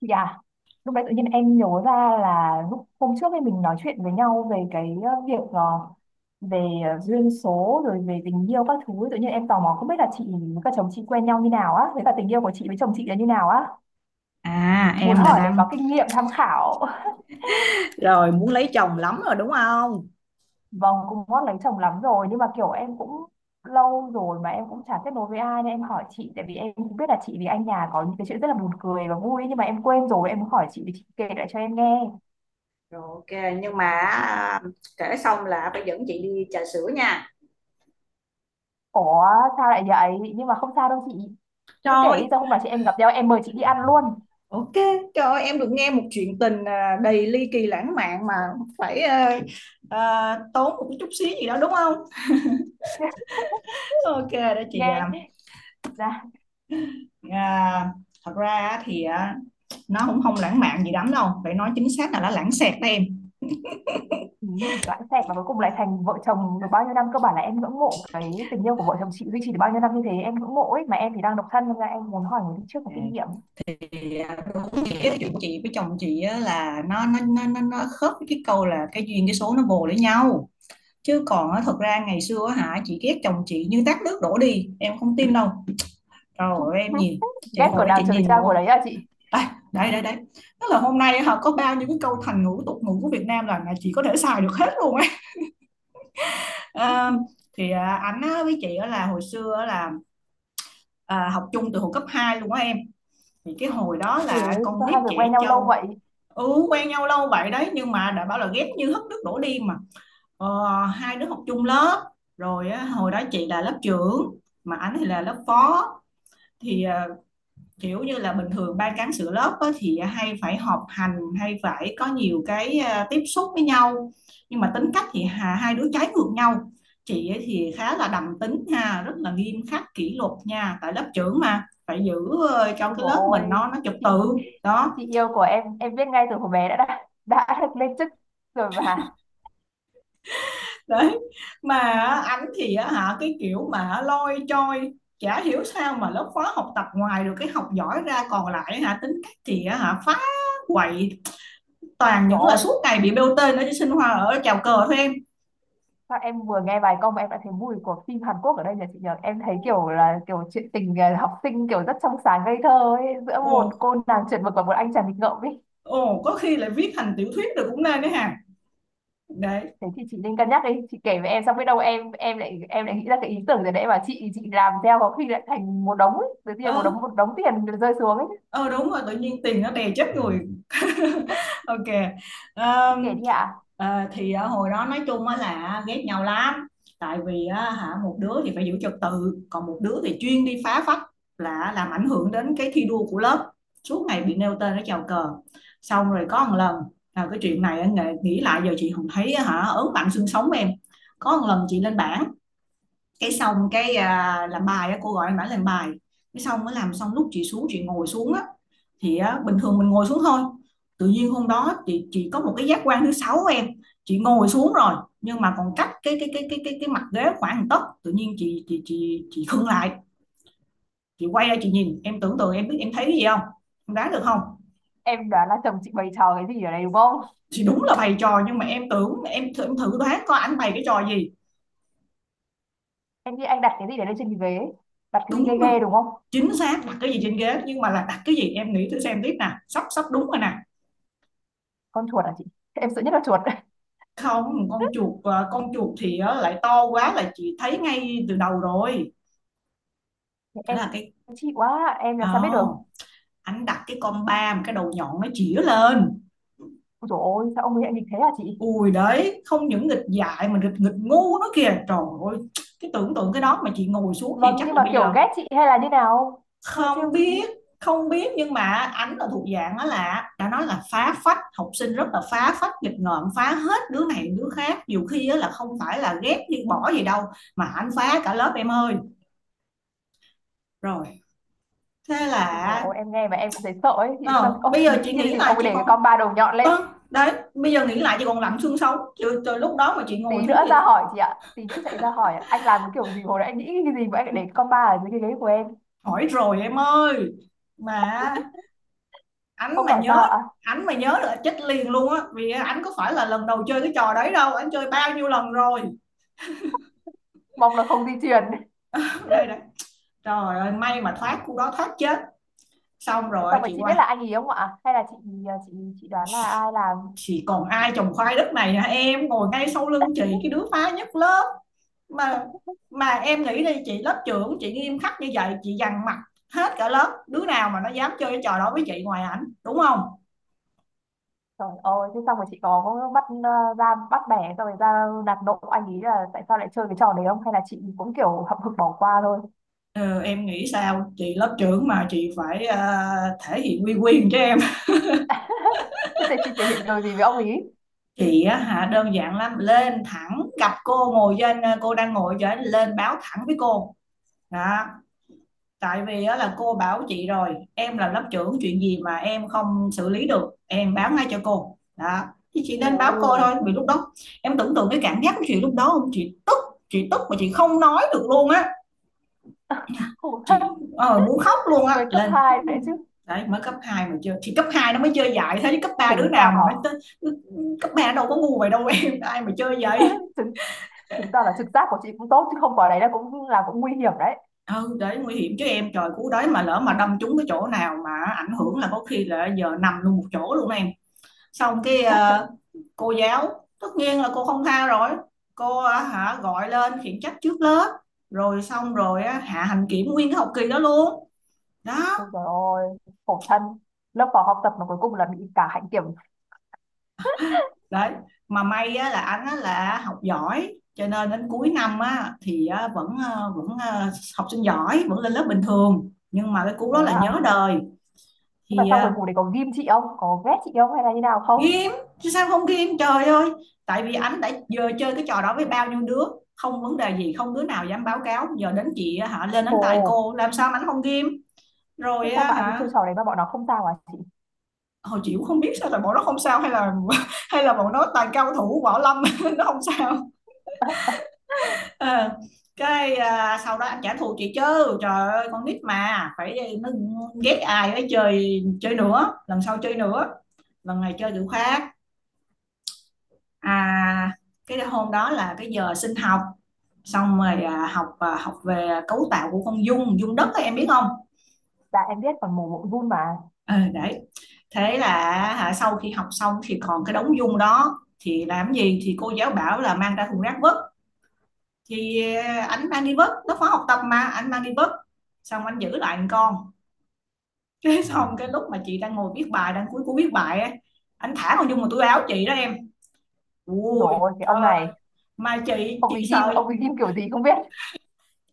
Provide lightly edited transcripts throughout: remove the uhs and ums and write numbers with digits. Chị à, lúc đấy tự nhiên em nhớ ra là lúc hôm trước ấy mình nói chuyện với nhau về cái việc về duyên số rồi về tình yêu các thứ ấy. Tự nhiên em tò mò không biết là chị với cả chồng chị quen nhau như nào á, với cả tình yêu của chị với chồng chị là như nào á, À, muốn em là hỏi để đang có kinh nghiệm tham khảo. rồi muốn lấy chồng lắm rồi, đúng không? Vâng, cũng ngót lấy chồng lắm rồi nhưng mà kiểu em cũng lâu rồi mà em cũng chả kết nối với ai nên em hỏi chị, tại vì em cũng biết là chị với anh nhà có những cái chuyện rất là buồn cười và vui, nhưng mà em quên rồi, em muốn hỏi chị để chị kể lại cho em nghe. Rồi, ok, nhưng mà kể xong là phải dẫn chị đi trà sữa nha. Ủa sao lại vậy? Nhưng mà không sao đâu chị. Chị cứ kể đi, Trời, sao hôm nào chị em gặp nhau em mời chị đi ăn luôn. ok, trời ơi, em được nghe một chuyện tình đầy ly kỳ lãng mạn mà phải, tốn một chút xíu gì đó, đúng không? Ok, đó chị à, Nghe ra, à, thật ra thì nó cũng không lãng mạn gì lắm đâu, phải nói chính xác là nó lãng xẹt đó em. ừ, lãng xẹt và cuối cùng lại thành vợ chồng được bao nhiêu năm, cơ bản là em ngưỡng mộ cái tình yêu của vợ chồng chị duy trì được bao nhiêu năm như thế, em ngưỡng mộ ấy mà em thì đang độc thân nên là em muốn hỏi người đi trước có kinh nghiệm. Thì đúng nghĩa cái chuyện chị với chồng chị á, là nó khớp với cái câu là cái duyên cái số nó vồ lấy nhau, chứ còn á, thật ra ngày xưa á chị ghét chồng chị như tát nước đổ đi, em không tin đâu. Rồi em nhìn chị Ghét của hồi đó nào chị trời nhìn trao của một... đấy à chị? Đây đây đây đây, tức là hôm nay họ có bao nhiêu cái câu thành ngữ tục ngữ của Việt Nam là chị có thể xài được hết luôn ấy. à, thì ảnh á, với chị á, là hồi xưa á, là học chung từ hồi cấp 2 luôn á em. Thì cái hồi đó là Ủa con sao hai nít người trẻ quen nhau lâu trâu. vậy? Ừ, quen nhau lâu vậy đấy, nhưng mà đã bảo là ghét như hất nước đổ đi mà. Hai đứa học chung lớp, rồi á, hồi đó chị là lớp trưởng, mà anh thì là lớp phó. Thì kiểu như là bình thường ban cán sự lớp á, thì hay phải họp hành hay phải có nhiều cái tiếp xúc với nhau. Nhưng mà tính cách thì hai đứa trái ngược nhau. Chị ấy thì khá là đầm tính ha, rất là nghiêm khắc kỷ luật nha, tại lớp trưởng mà phải giữ cho Ôi cái dồi lớp mình ôi, nó trật chị tự. Đó. chị yêu của em biết ngay từ hồi bé đã được lên chức rồi mà. Đấy mà á, ảnh thì á cái kiểu mà lôi trôi, chả hiểu sao mà lớp khóa học tập ngoài được cái học giỏi ra còn lại tính cách thì á phá, quậy, toàn những là Rồi. suốt ngày bị bêu tên ở trên sinh hoa ở chào cờ thôi em. Sao em vừa nghe bài câu mà em đã thấy mùi của phim Hàn Quốc ở đây nhỉ chị nhỉ? Em thấy kiểu là kiểu chuyện tình học sinh kiểu rất trong sáng ngây thơ ấy, giữa Ồ, một cô nàng chuẩn mực và một anh chàng nghịch ngợm ấy. ồ, có khi lại viết thành tiểu thuyết được cũng nên đấy hả. Đấy. Thế thì chị nên cân nhắc đi, chị kể với em xong biết đâu em lại nghĩ ra cái ý tưởng rồi đấy mà chị làm theo có khi lại thành một đống ấy, tự ờ nhiên một đống tiền rơi xuống ấy. ờ Đúng rồi, tự nhiên tiền nó đè chết người. Ok. Chị kể Ờm, đi ạ. ờ, thì hồi đó nói chung á là ghét nhau lắm, tại vì á, một đứa thì phải giữ trật tự, còn một đứa thì chuyên đi phá phách, là làm ảnh hưởng đến cái thi đua của lớp, suốt ngày bị nêu tên ở chào cờ. Xong rồi có một lần, là cái chuyện này á, nghĩ nghĩ lại giờ chị không thấy á, ớn lạnh xương sống em. Có một lần chị lên bảng, cái xong cái làm bài á, cô gọi em bảo làm bài. Cái xong mới làm xong lúc chị xuống chị ngồi xuống á, thì á, bình thường mình ngồi xuống thôi. Tự nhiên hôm đó chị có một cái giác quan thứ sáu của em. Chị ngồi xuống rồi, nhưng mà còn cách cái mặt ghế khoảng 1 tấc, tự nhiên chị khựng lại. Chị quay ra chị nhìn, em tưởng tượng em biết em thấy cái gì không? Em đoán được không? Em đoán là chồng chị bày trò cái gì ở đây đúng không? Thì đúng là bày trò, nhưng mà em tưởng em, thử đoán coi ảnh bày cái trò gì. Em nghĩ anh đặt cái gì để lên trên cái ghế ấy. Đặt cái gì Đúng ghê rồi, ghê đúng không? chính xác đặt cái gì trên ghế, nhưng mà là đặt cái gì, em nghĩ thử xem tiếp nè, sắp sắp đúng rồi nè. Con chuột à chị? Em sợ nhất là chuột. Không, con chuột con chuột thì lại to quá là chị thấy ngay từ đầu rồi. Thế Em là cái. chị quá, em làm sao biết được? Oh, anh đặt cái con ba mà cái đầu nhọn nó chĩa lên. Ôi dồi ôi, sao ông ấy lại nghịch thế hả chị? Ui đấy, không những nghịch dại mà nghịch nghịch ngu nó kìa, trời ơi! Cái tưởng tượng cái đó mà chị ngồi xuống thì Vâng, chắc nhưng là mà bây kiểu giờ... ghét chị hay là như nào? Hay là trêu Không chị? biết, không biết, nhưng mà ảnh là thuộc dạng đó, là đã nói là phá phách, học sinh rất là phá phách nghịch ngợm, phá hết đứa này đứa khác, nhiều khi á là không phải là ghét đi bỏ gì đâu, mà ảnh phá cả lớp em ơi. Rồi, thế Ôi dồi là... ôi, em nghe mà em cũng thấy sợ ấy. Chị sao? ờ, Ông Bây giờ chị nghĩ cái nghĩ gì mà lại ông ấy chị để cái còn... con ba đầu nhọn lên. Đấy, bây giờ nghĩ lại chị còn lạnh xương sống từ lúc đó, mà chị ngồi Tí thuốc nữa thì... ra hỏi chị ạ. Tí nữa chạy ra hỏi ạ. Anh làm cái kiểu gì hồi nãy anh nghĩ cái gì mà anh lại để cái con ba ở dưới cái ghế của em. Hỏi rồi em ơi, mà anh Ông mà bảo sao nhớ. ạ? Anh mà nhớ là chết liền luôn á, vì anh có phải là lần đầu chơi cái trò đấy đâu, anh chơi bao nhiêu lần rồi. Mong là không di truyền. Đây đây, trời ơi, may mà thoát cô đó thoát chết. Xong rồi Xong rồi chị chị biết quay. là anh ý không ạ? Hay là chị à, chị chị đoán là ai làm? Chị còn ai trồng khoai đất này hả em? Ngồi ngay sau lưng chị, cái đứa phá nhất lớp mà mà em nghĩ đi, chị lớp trưởng chị nghiêm khắc như vậy chị dằn mặt hết cả lớp, đứa nào mà nó dám chơi cái trò đó với chị ngoài ảnh, đúng không? Trời ơi, thế xong rồi chị có bắt ra bắt bẻ xong rồi ra nạt nộ anh ý là tại sao lại chơi cái trò đấy không? Hay là chị cũng kiểu hậm hực bỏ qua thôi? Ờ, em nghĩ sao chị lớp trưởng mà chị phải thể hiện uy quyền cho em. Thế thì chị thể hiện điều gì với ông ý? Chị á đơn giản lắm, lên thẳng gặp cô ngồi trên, cô đang ngồi trên, lên báo thẳng với cô. Đó. Tại vì á, là cô bảo chị rồi, em là lớp trưởng, chuyện gì mà em không xử lý được em báo ngay cho cô đó. Thì chị nên báo cô Ồ, thôi, vì lúc đó em tưởng tượng cái cảm giác của chị lúc đó không, chị tức, chị tức mà chị không nói được luôn á, khổ thân, chị muốn khóc luôn á mới cấp lên. 2 đấy chứ. Đấy mới cấp 2 mà chưa, thì cấp 2 nó mới chơi dại thế chứ, cấp 3 đứa Chứng nào tỏ, mà nó... Cấp 3 đâu có ngu vậy đâu, em ai mà chơi vậy. chứng, chứng tỏ là trực giác của chị cũng tốt, chứ không có đấy là cũng nguy hiểm đấy. Ừ đấy, nguy hiểm chứ em, trời cứu đấy, mà lỡ mà đâm trúng cái chỗ nào mà ảnh hưởng là có khi là giờ nằm luôn một chỗ luôn em. Xong cái cô giáo tất nhiên là cô không tha rồi, cô ờ, hả gọi lên khiển trách trước lớp, rồi xong rồi á, hạ hành kiểm nguyên cái học kỳ đó luôn. Đó. Ôi trời ơi, khổ thân. Lớp phó học tập mà cuối cùng là bị cả hạnh kiểm. Đấy mà may á, là anh á, là học giỏi cho nên đến cuối năm á, thì á, vẫn học sinh giỏi vẫn lên lớp bình thường, nhưng mà cái cú Thế đó là à? nhớ đời. Nhưng mà Thì sau cuối cùng thì có ghim chị không? Có ghét chị không hay là như nào không? ghim chứ sao không ghim, trời ơi, tại vì anh đã giờ chơi cái trò đó với bao nhiêu đứa không vấn đề gì, không đứa nào dám báo cáo, giờ đến chị á lên đánh tay Ồ, cô, làm sao mà ảnh không ghim. thế Rồi sao á mà anh ấy hả. chơi trò đấy mà bọn nó không sao à chị? Hồi chị cũng không biết sao là bọn nó không sao, hay là hay là bọn nó toàn cao thủ võ lâm nó không sao. Ờ, cái sau đó anh trả thù chị chứ, trời ơi, con nít mà phải nó ghét ai ấy chơi, chơi nữa, lần sau chơi nữa, lần này chơi kiểu khác. à, cái hôm đó là cái giờ sinh học, xong rồi học về cấu tạo của con dung dung đất ấy, em biết không? Dạ em biết còn mồm bụng run mà. Ừ, đấy. Thế là sau khi học xong thì còn cái đống dung đó thì làm gì, thì cô giáo bảo là mang ra thùng rác vứt. Thì ảnh mang đi vứt, nó khóa học tập mà anh mang đi vứt, xong anh giữ lại một con. Cái xong cái lúc mà chị đang ngồi viết bài, đang cuối cuối viết bài á, anh thả con dung vào túi áo chị đó em. Ôi Ui trời ơi, cái trời ông ơi, này, mà chị chị sợ. ông ấy ghim kiểu gì không biết.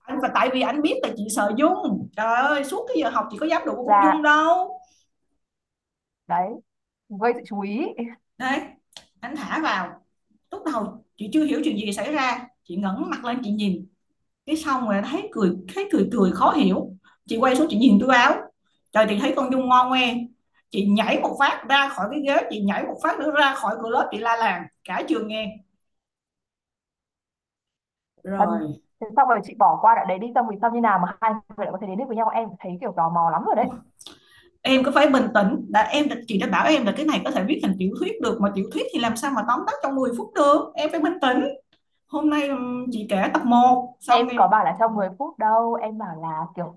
Anh và tại vì anh biết là chị sợ Dung, trời ơi, suốt cái giờ học chị có dám đụng con Dung Dạ, đâu. đấy, gây sự chú ý. Đấy, anh thả vào, lúc đầu chị chưa hiểu chuyện gì xảy ra, chị ngẩng mặt lên chị nhìn, cái xong rồi thấy cười cười khó hiểu, chị quay xuống chị nhìn túi áo, trời, chị thấy con Dung ngon ngoe, chị nhảy một phát ra khỏi cái ghế, chị nhảy một phát nữa ra khỏi cửa lớp, chị la làng cả trường nghe. Rồi, Thân, thế xong rồi chị bỏ qua đoạn đấy đi, xong vì sao như nào mà hai người lại có thể đến được với nhau, em thấy kiểu tò mò lắm rồi đấy. em cứ phải bình tĩnh đã em, chị đã bảo em là cái này có thể viết thành tiểu thuyết được mà, tiểu thuyết thì làm sao mà tóm tắt trong 10 phút được, em phải bình tĩnh. Hôm nay chị kể tập một xong Em em. có bảo là trong 10 phút đâu, em bảo là kiểu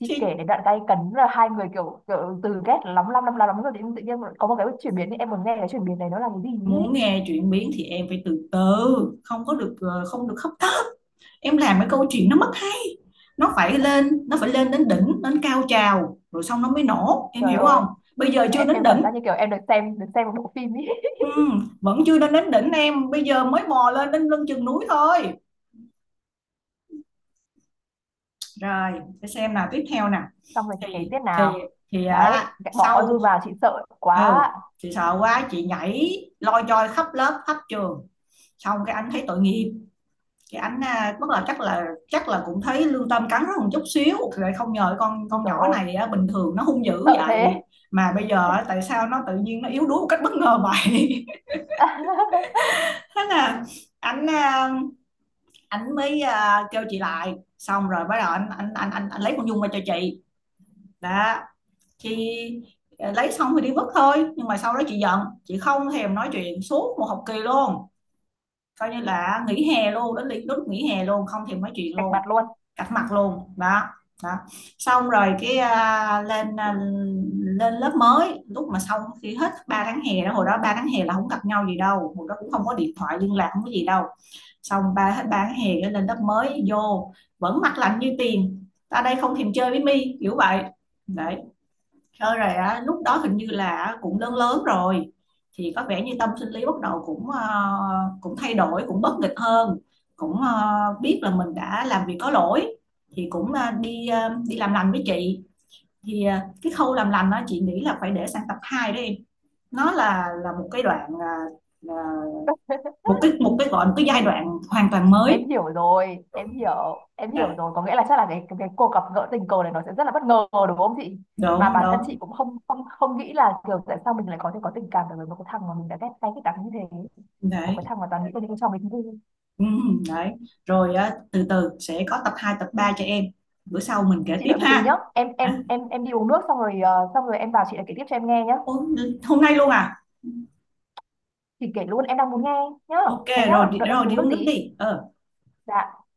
chị Thì kể đến đoạn tay cấn là hai người kiểu kiểu từ ghét lắm lắm lắm lắm lắm rồi tự nhiên có một cái chuyển biến, em muốn nghe cái chuyển biến này nó là cái gì ý. muốn nghe chuyển biến thì em phải từ từ, không có được không được hấp tấp. Em làm cái câu chuyện nó mất hấp, nó phải lên đến đỉnh, đến cao trào rồi xong nó mới nổ, em Trời hiểu ơi, không? Bây giờ chưa em, đến em cảm đỉnh. giác như kiểu em được xem một bộ phim ý. Vẫn chưa đến đến đỉnh em, bây giờ mới bò lên đến lưng chừng núi thôi. Rồi, để xem nào tiếp theo nè. Xong rồi chị kể Thì tiếp thì nào. thì Đấy bỏ con sau... giun vào chị sợ Ừ, quá. chị sợ quá chị nhảy loi choi khắp lớp khắp trường, xong cái anh thấy tội nghiệp, thì anh bắt đầu chắc là cũng thấy lương tâm cắn rất một chút xíu, rồi không ngờ con Ui con trời nhỏ ơi, này bình thường nó hung dữ sợ thế. vậy, mà bây giờ tại sao nó tự nhiên nó yếu đuối một cách bất ngờ vậy. Thế là anh mới kêu chị lại, xong rồi bắt đầu anh lấy con Dung qua cho chị. Đó. Chị lấy xong thì đi vứt thôi, nhưng mà sau đó chị giận chị không thèm nói chuyện suốt một học kỳ luôn, coi như là nghỉ hè luôn, đến lúc nghỉ hè luôn không thèm nói chuyện Cạch luôn. mặt luôn. Cạch mặt luôn đó. Đó. Xong rồi cái lên lên lớp mới, lúc mà xong khi hết 3 tháng hè đó, hồi đó 3 tháng hè là không gặp nhau gì đâu, hồi đó cũng không có điện thoại liên lạc, không có gì đâu. Xong ba hết 3 tháng hè cái lên lớp mới vô, vẫn mặt lạnh như tiền ta đây không thèm chơi với mi kiểu vậy. Đấy. Chơi rồi á, lúc đó hình như là cũng lớn lớn rồi, thì có vẻ như tâm sinh lý bắt đầu cũng cũng thay đổi, cũng bất nghịch hơn, cũng biết là mình đã làm việc có lỗi, thì cũng đi làm lành với chị. Thì cái khâu làm lành đó chị nghĩ là phải để sang tập 2 đó em. Nó là một cái đoạn ờ, một cái giai đoạn hoàn toàn em mới. hiểu rồi em hiểu em Dạ. hiểu rồi có nghĩa là chắc là cái cuộc gặp gỡ tình cờ này nó sẽ rất là bất ngờ đúng không chị? Mà Đúng bản thân chị đúng. cũng không không không nghĩ là kiểu tại sao mình lại có thể có tình cảm đối với một cái thằng mà mình đã ghét cay ghét đắng như thế, một Đấy. cái thằng mà toàn nghĩ tới những cái trò mình vui. Ừ, đấy rồi á, từ từ sẽ có tập 2 tập 3 cho em, bữa sau mình kể Chị tiếp đợi một tí nhá, ha. em em Hả? em em đi uống nước xong rồi xong rồi em vào chị lại kể tiếp cho em nghe nhá. Ủa, hôm nay luôn à? Chị kể luôn, em đang muốn nghe nhá. Ok, Thế nhá. Đợi em rồi đi đi uống nước uống nước tí. đi Dạ.